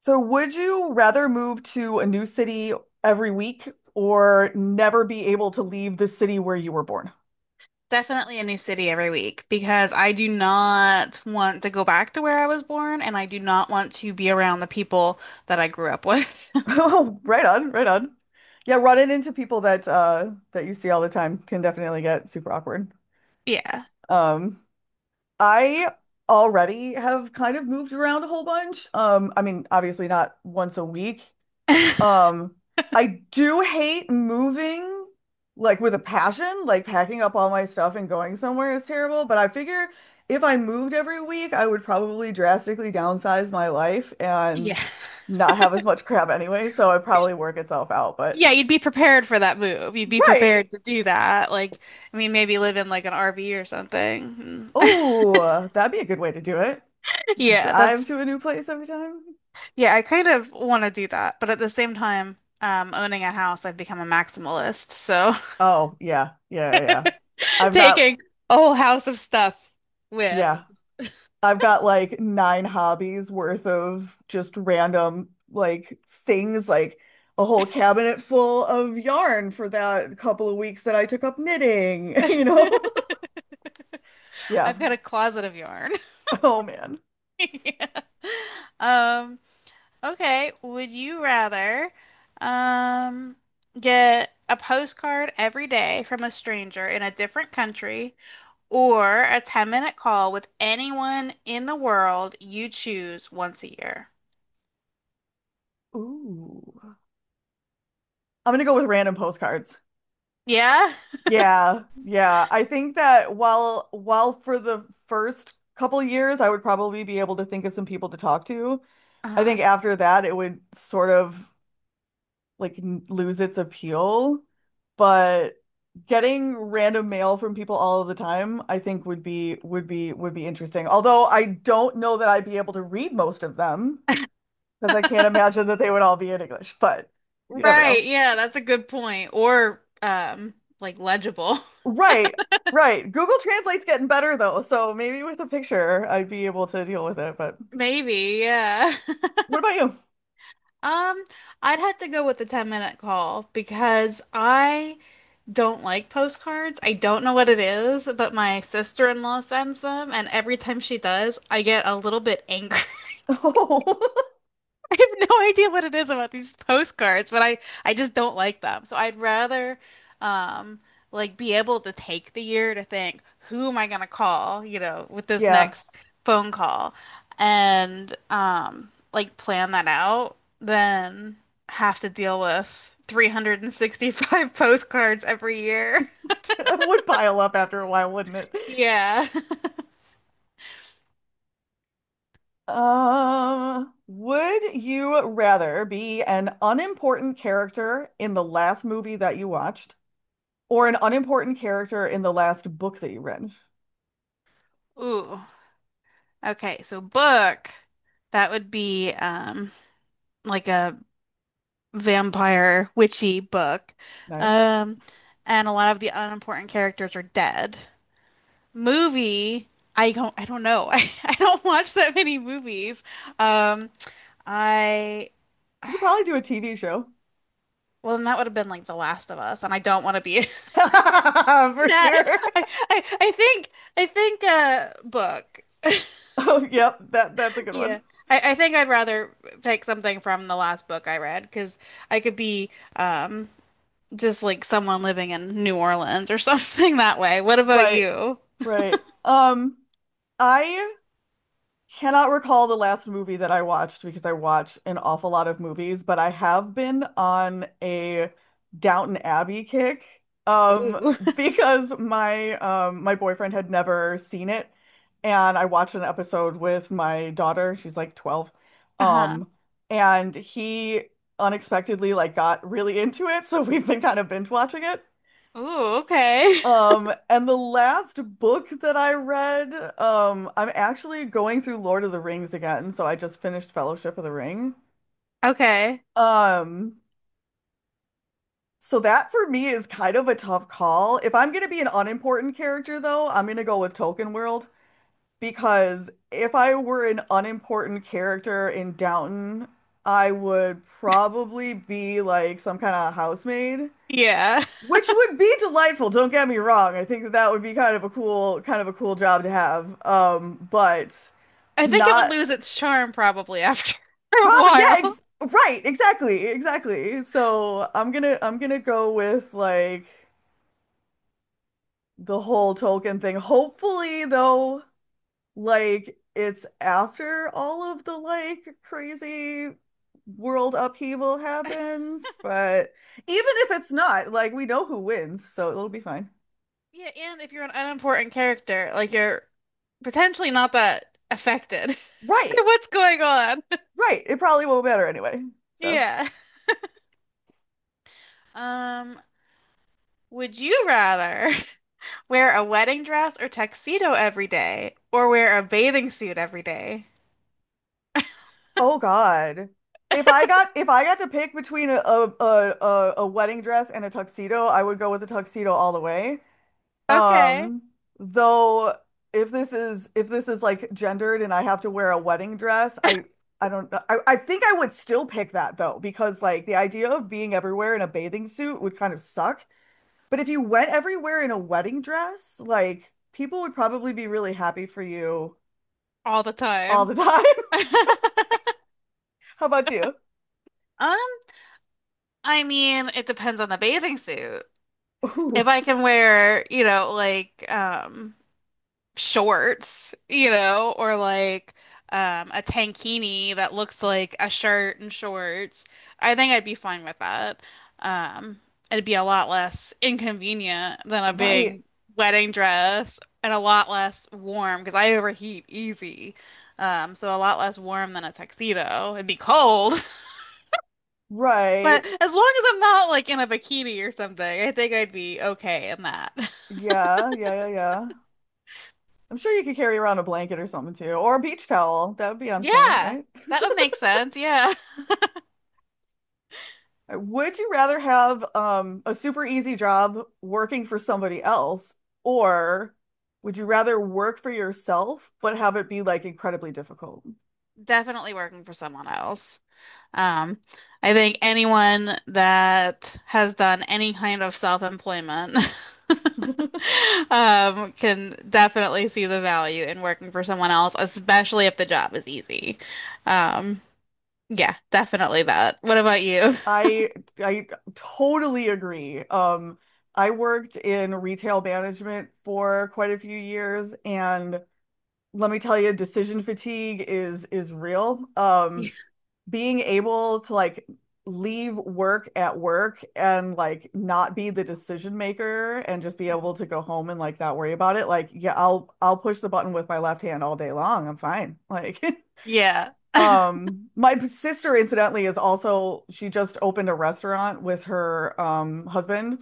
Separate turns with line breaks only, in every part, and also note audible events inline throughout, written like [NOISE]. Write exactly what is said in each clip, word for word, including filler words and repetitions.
So, would you rather move to a new city every week or never be able to leave the city where you were born? [LAUGHS]
Definitely a new city every week because I do not want to go back to where I was born and I do not want to be around the people that I grew up with. [LAUGHS]
Oh, right on, right on. Yeah, running into people that uh that you see all the time can definitely get super awkward.
Yeah.
Um, I already have kind of moved around a whole bunch. Um, I mean, obviously not once a week.
[LAUGHS]
Um, I do hate moving like with a passion, like packing up all my stuff and going somewhere is terrible, but I figure if I moved every week, I would probably drastically downsize my life and
Yeah.
not have as much crap anyway, so it'd probably work itself out, but
Yeah, you'd be prepared for that move. You'd be
right.
prepared to do that. Like, I mean, maybe live in like an R V or something. [LAUGHS]
Oh, that'd be a good way to do it. Just
Yeah,
drive
that's,
to a new place every time.
yeah, I kind of want to do that. But at the same time, um, owning a house, I've become a maximalist. So
Oh, yeah. Yeah, yeah, yeah.
[LAUGHS]
I've got,
taking a whole house of stuff with.
yeah, I've got like nine hobbies worth of just random like things, like a whole cabinet full of yarn for that couple of weeks that I took up knitting, [LAUGHS] you know?
[LAUGHS]
Yeah.
I've got a closet of yarn. [LAUGHS]
Oh man.
Yeah. Um, okay, would you rather um get a postcard every day from a stranger in a different country or a ten-minute call with anyone in the world you choose once a year?
Ooh. I'm gonna go with random postcards.
Yeah?
Yeah, yeah. I think that while while for the first couple years I would probably be able to think of some people to talk to, I
Uh-huh.
think after that it would sort of like n- lose its appeal. But getting random mail from people all of the time, I think would be would be would be interesting. Although I don't know that I'd be able to read most of them because I can't imagine that they would all be in English, but you never
Right,
know.
yeah, that's a good point. Or um like legible.
Right, right. Google Translate's getting better though, so maybe with a picture I'd be able to deal with it. But
[LAUGHS] Maybe, yeah. [LAUGHS]
what about you? [LAUGHS]
Um, I'd have to go with the ten-minute call because I don't like postcards. I don't know what it is, but my sister-in-law sends them, and every time she does, I get a little bit angry. [LAUGHS]
Oh,
I have no idea what it is about these postcards, but I I just don't like them. So I'd rather um like be able to take the year to think, who am I gonna call, you know, with
[LAUGHS]
this
yeah,
next phone call and um like plan that out than have to deal with three hundred sixty-five [LAUGHS] postcards every year.
it would pile up after a while, wouldn't it?
[LAUGHS] Yeah.
Um, would you rather be an unimportant character in the last movie that you watched? Or an unimportant character in the last book that you read.
Ooh. Okay, so book, that would be um like a vampire witchy book.
Nice.
Um and a lot of the unimportant characters are dead. Movie, I don't I don't know. [LAUGHS] I, I don't watch that many movies. Um I
You could probably do a T V show.
Well then that would have been like The Last of Us and I don't want to be
[LAUGHS]
[LAUGHS]
For
that.
sure. [LAUGHS]
I, I I think I think uh book.
Oh, yep, that that's a good
Yeah,
one.
I, I think I'd rather pick something from the last book I read because I could be um, just like someone living in New Orleans or [LAUGHS] something that way. What about
Right,
you?
right. Um, I cannot recall the last movie that I watched because I watch an awful lot of movies, but I have been on a Downton Abbey kick. Um,
Ooh.
[LAUGHS]
[LAUGHS]
because my um my boyfriend had never seen it, and I watched an episode with my daughter. She's like twelve.
Uh-huh.
Um, and he unexpectedly like got really into it, [LAUGHS] so we've been kind of binge watching it.
Ooh, okay. [LAUGHS]
Um, and the last book that I read, um, I'm actually going through Lord of the Rings again, so I just finished Fellowship of the Ring.
Okay.
Um, so that for me is kind of a tough call. If I'm gonna be an unimportant character though, I'm gonna go with Tolkien World, because if I were an unimportant character in Downton, I would probably be like some kind of housemaid.
Yeah.
Which would be delightful, don't get me wrong. I think that that would be kind of a cool kind of a cool job to have. Um, but
I think it would
not
lose its charm probably after [LAUGHS] a
probably yeah,
while.
ex right, exactly, exactly. So I'm gonna I'm gonna go with like the whole Tolkien thing. Hopefully though, like it's after all of the like crazy world upheaval happens, but even if it's not, like we know who wins, so it'll be fine.
Yeah, and if you're an unimportant character, like you're potentially not that affected [LAUGHS] by
Right.
what's going on. [LAUGHS]
Right. It probably won't matter anyway. So,
Yeah. Um, would you rather? Wear a wedding dress or tuxedo every day, or wear a bathing suit every day.
oh God. If I got if I got to pick between a a a, a- wedding dress and a tuxedo, I would go with a tuxedo all the way.
Okay.
Um, though if this is if this is like gendered and I have to wear a wedding dress, I I don't know. I, I think I would still pick that though, because like the idea of being everywhere in a bathing suit would kind of suck. But if you went everywhere in a wedding dress, like people would probably be really happy for you
All the
all
time.
the time. [LAUGHS]
[LAUGHS]
How about you?
Um, I mean, it depends on the bathing suit. If
Ooh.
I can wear, you know, like um shorts, you know, or like um, a tankini that looks like a shirt and shorts. I think I'd be fine with that. Um, It'd be a lot less inconvenient than a
Right,
big wedding dress and a lot less warm because I overheat easy. Um, so a lot less warm than a tuxedo. It'd be cold, [LAUGHS]
right.
but as long as I'm not like in a bikini or something, I think I'd be okay in that. [LAUGHS]
Yeah, yeah, yeah, yeah. I'm sure you could carry around a blanket or something too, or a beach towel. That would be on point,
Yeah,
right?
that would make sense. Yeah.
Uh, would you rather have um a super easy job working for somebody else, or would you rather work for yourself but have it be like incredibly difficult?
Definitely working for someone else. Um, I think anyone that has done any kind of self-employment [LAUGHS] um, can definitely see the value in working for someone else, especially if the job is easy. Um, yeah, definitely that. What about you?
I I totally agree. Um, I worked in retail management for quite a few years and let me tell you, decision fatigue is is real. Um,
[LAUGHS]
being able to like leave work at work and like not be the decision maker and just be able to go home and like not worry about it. Like, yeah, I'll I'll push the button with my left hand all day long. I'm fine. Like, [LAUGHS]
Yeah,
um, my sister incidentally is also she just opened a restaurant with her um husband,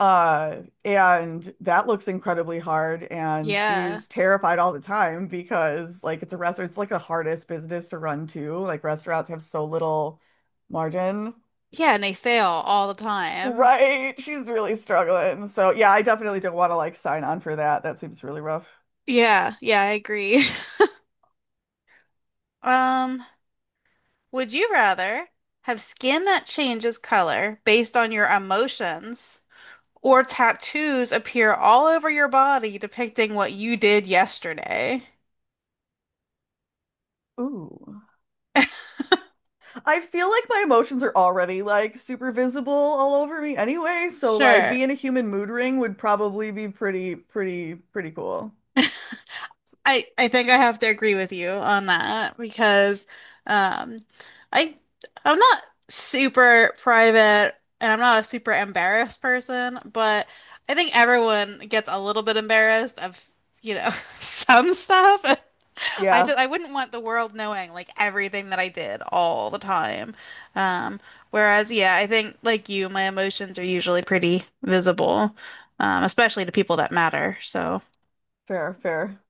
uh, and that looks incredibly hard, and
yeah.
she's terrified all the time because like it's a restaurant, it's like the hardest business to run too. Like restaurants have so little margin.
Yeah, and they fail all the time.
Right. She's really struggling. So yeah, I definitely don't want to like sign on for that. That seems really rough.
Yeah, yeah, I agree. [LAUGHS] Um, Would you rather have skin that changes color based on your emotions or tattoos appear all over your body depicting what you did yesterday?
Ooh.
[LAUGHS]
I feel like my emotions are already like super visible all over me anyway, so like
Sure.
being a human mood ring would probably be pretty, pretty, pretty cool.
I I think I have to agree with you on that because um I I'm not super private and I'm not a super embarrassed person, but I think everyone gets a little bit embarrassed of, you know, [LAUGHS] some stuff. I
Yeah,
just I wouldn't want the world knowing like everything that I did all the time. Um Whereas yeah, I think like you, my emotions are usually pretty visible, um especially to people that matter. So
fair, fair.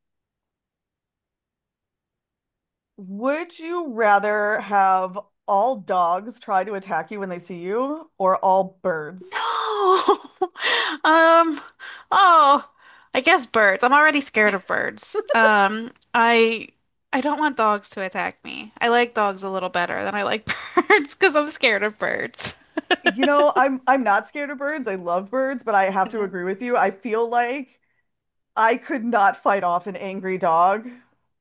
Would you rather have all dogs try to attack you when they see you or all birds?
Oh, [LAUGHS] um, oh, I guess birds. I'm already scared of birds. Um, I I don't want dogs to attack me. I like dogs a little better than I like [LAUGHS] birds because I'm scared of birds.
You know, I'm I'm not scared of birds. I love birds, but I have to
Mhm.
agree with you. I feel like I could not fight off an angry dog,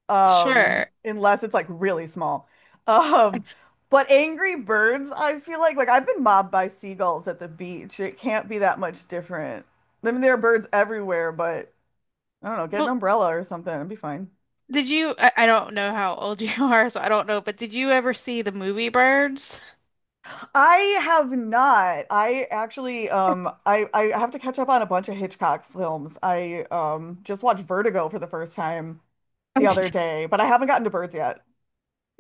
um,
Sure.
unless it's like really small. Um, but angry birds, I feel like like I've been mobbed by seagulls at the beach. It can't be that much different. I mean, there are birds everywhere, but I don't know, get an
Well,
umbrella or something, it'd be fine.
did you? I, I don't know how old [LAUGHS] you are, so I don't know, but did you ever see the movie Birds?
I have not. I actually, um, I I have to catch up on a bunch of Hitchcock films. I um just watched Vertigo for the first time the other
[LAUGHS]
day, but I haven't gotten to birds yet.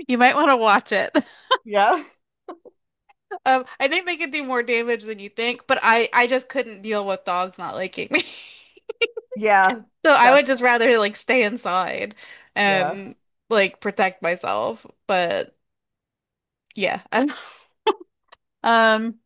You might want to watch it. [LAUGHS]
Yeah.
Um, I think they could do more damage than you think, but I I just couldn't deal with dogs not liking me. [LAUGHS]
Yeah,
So I would
that's
just rather like stay inside
yeah.
and like protect myself. But yeah. [LAUGHS] Um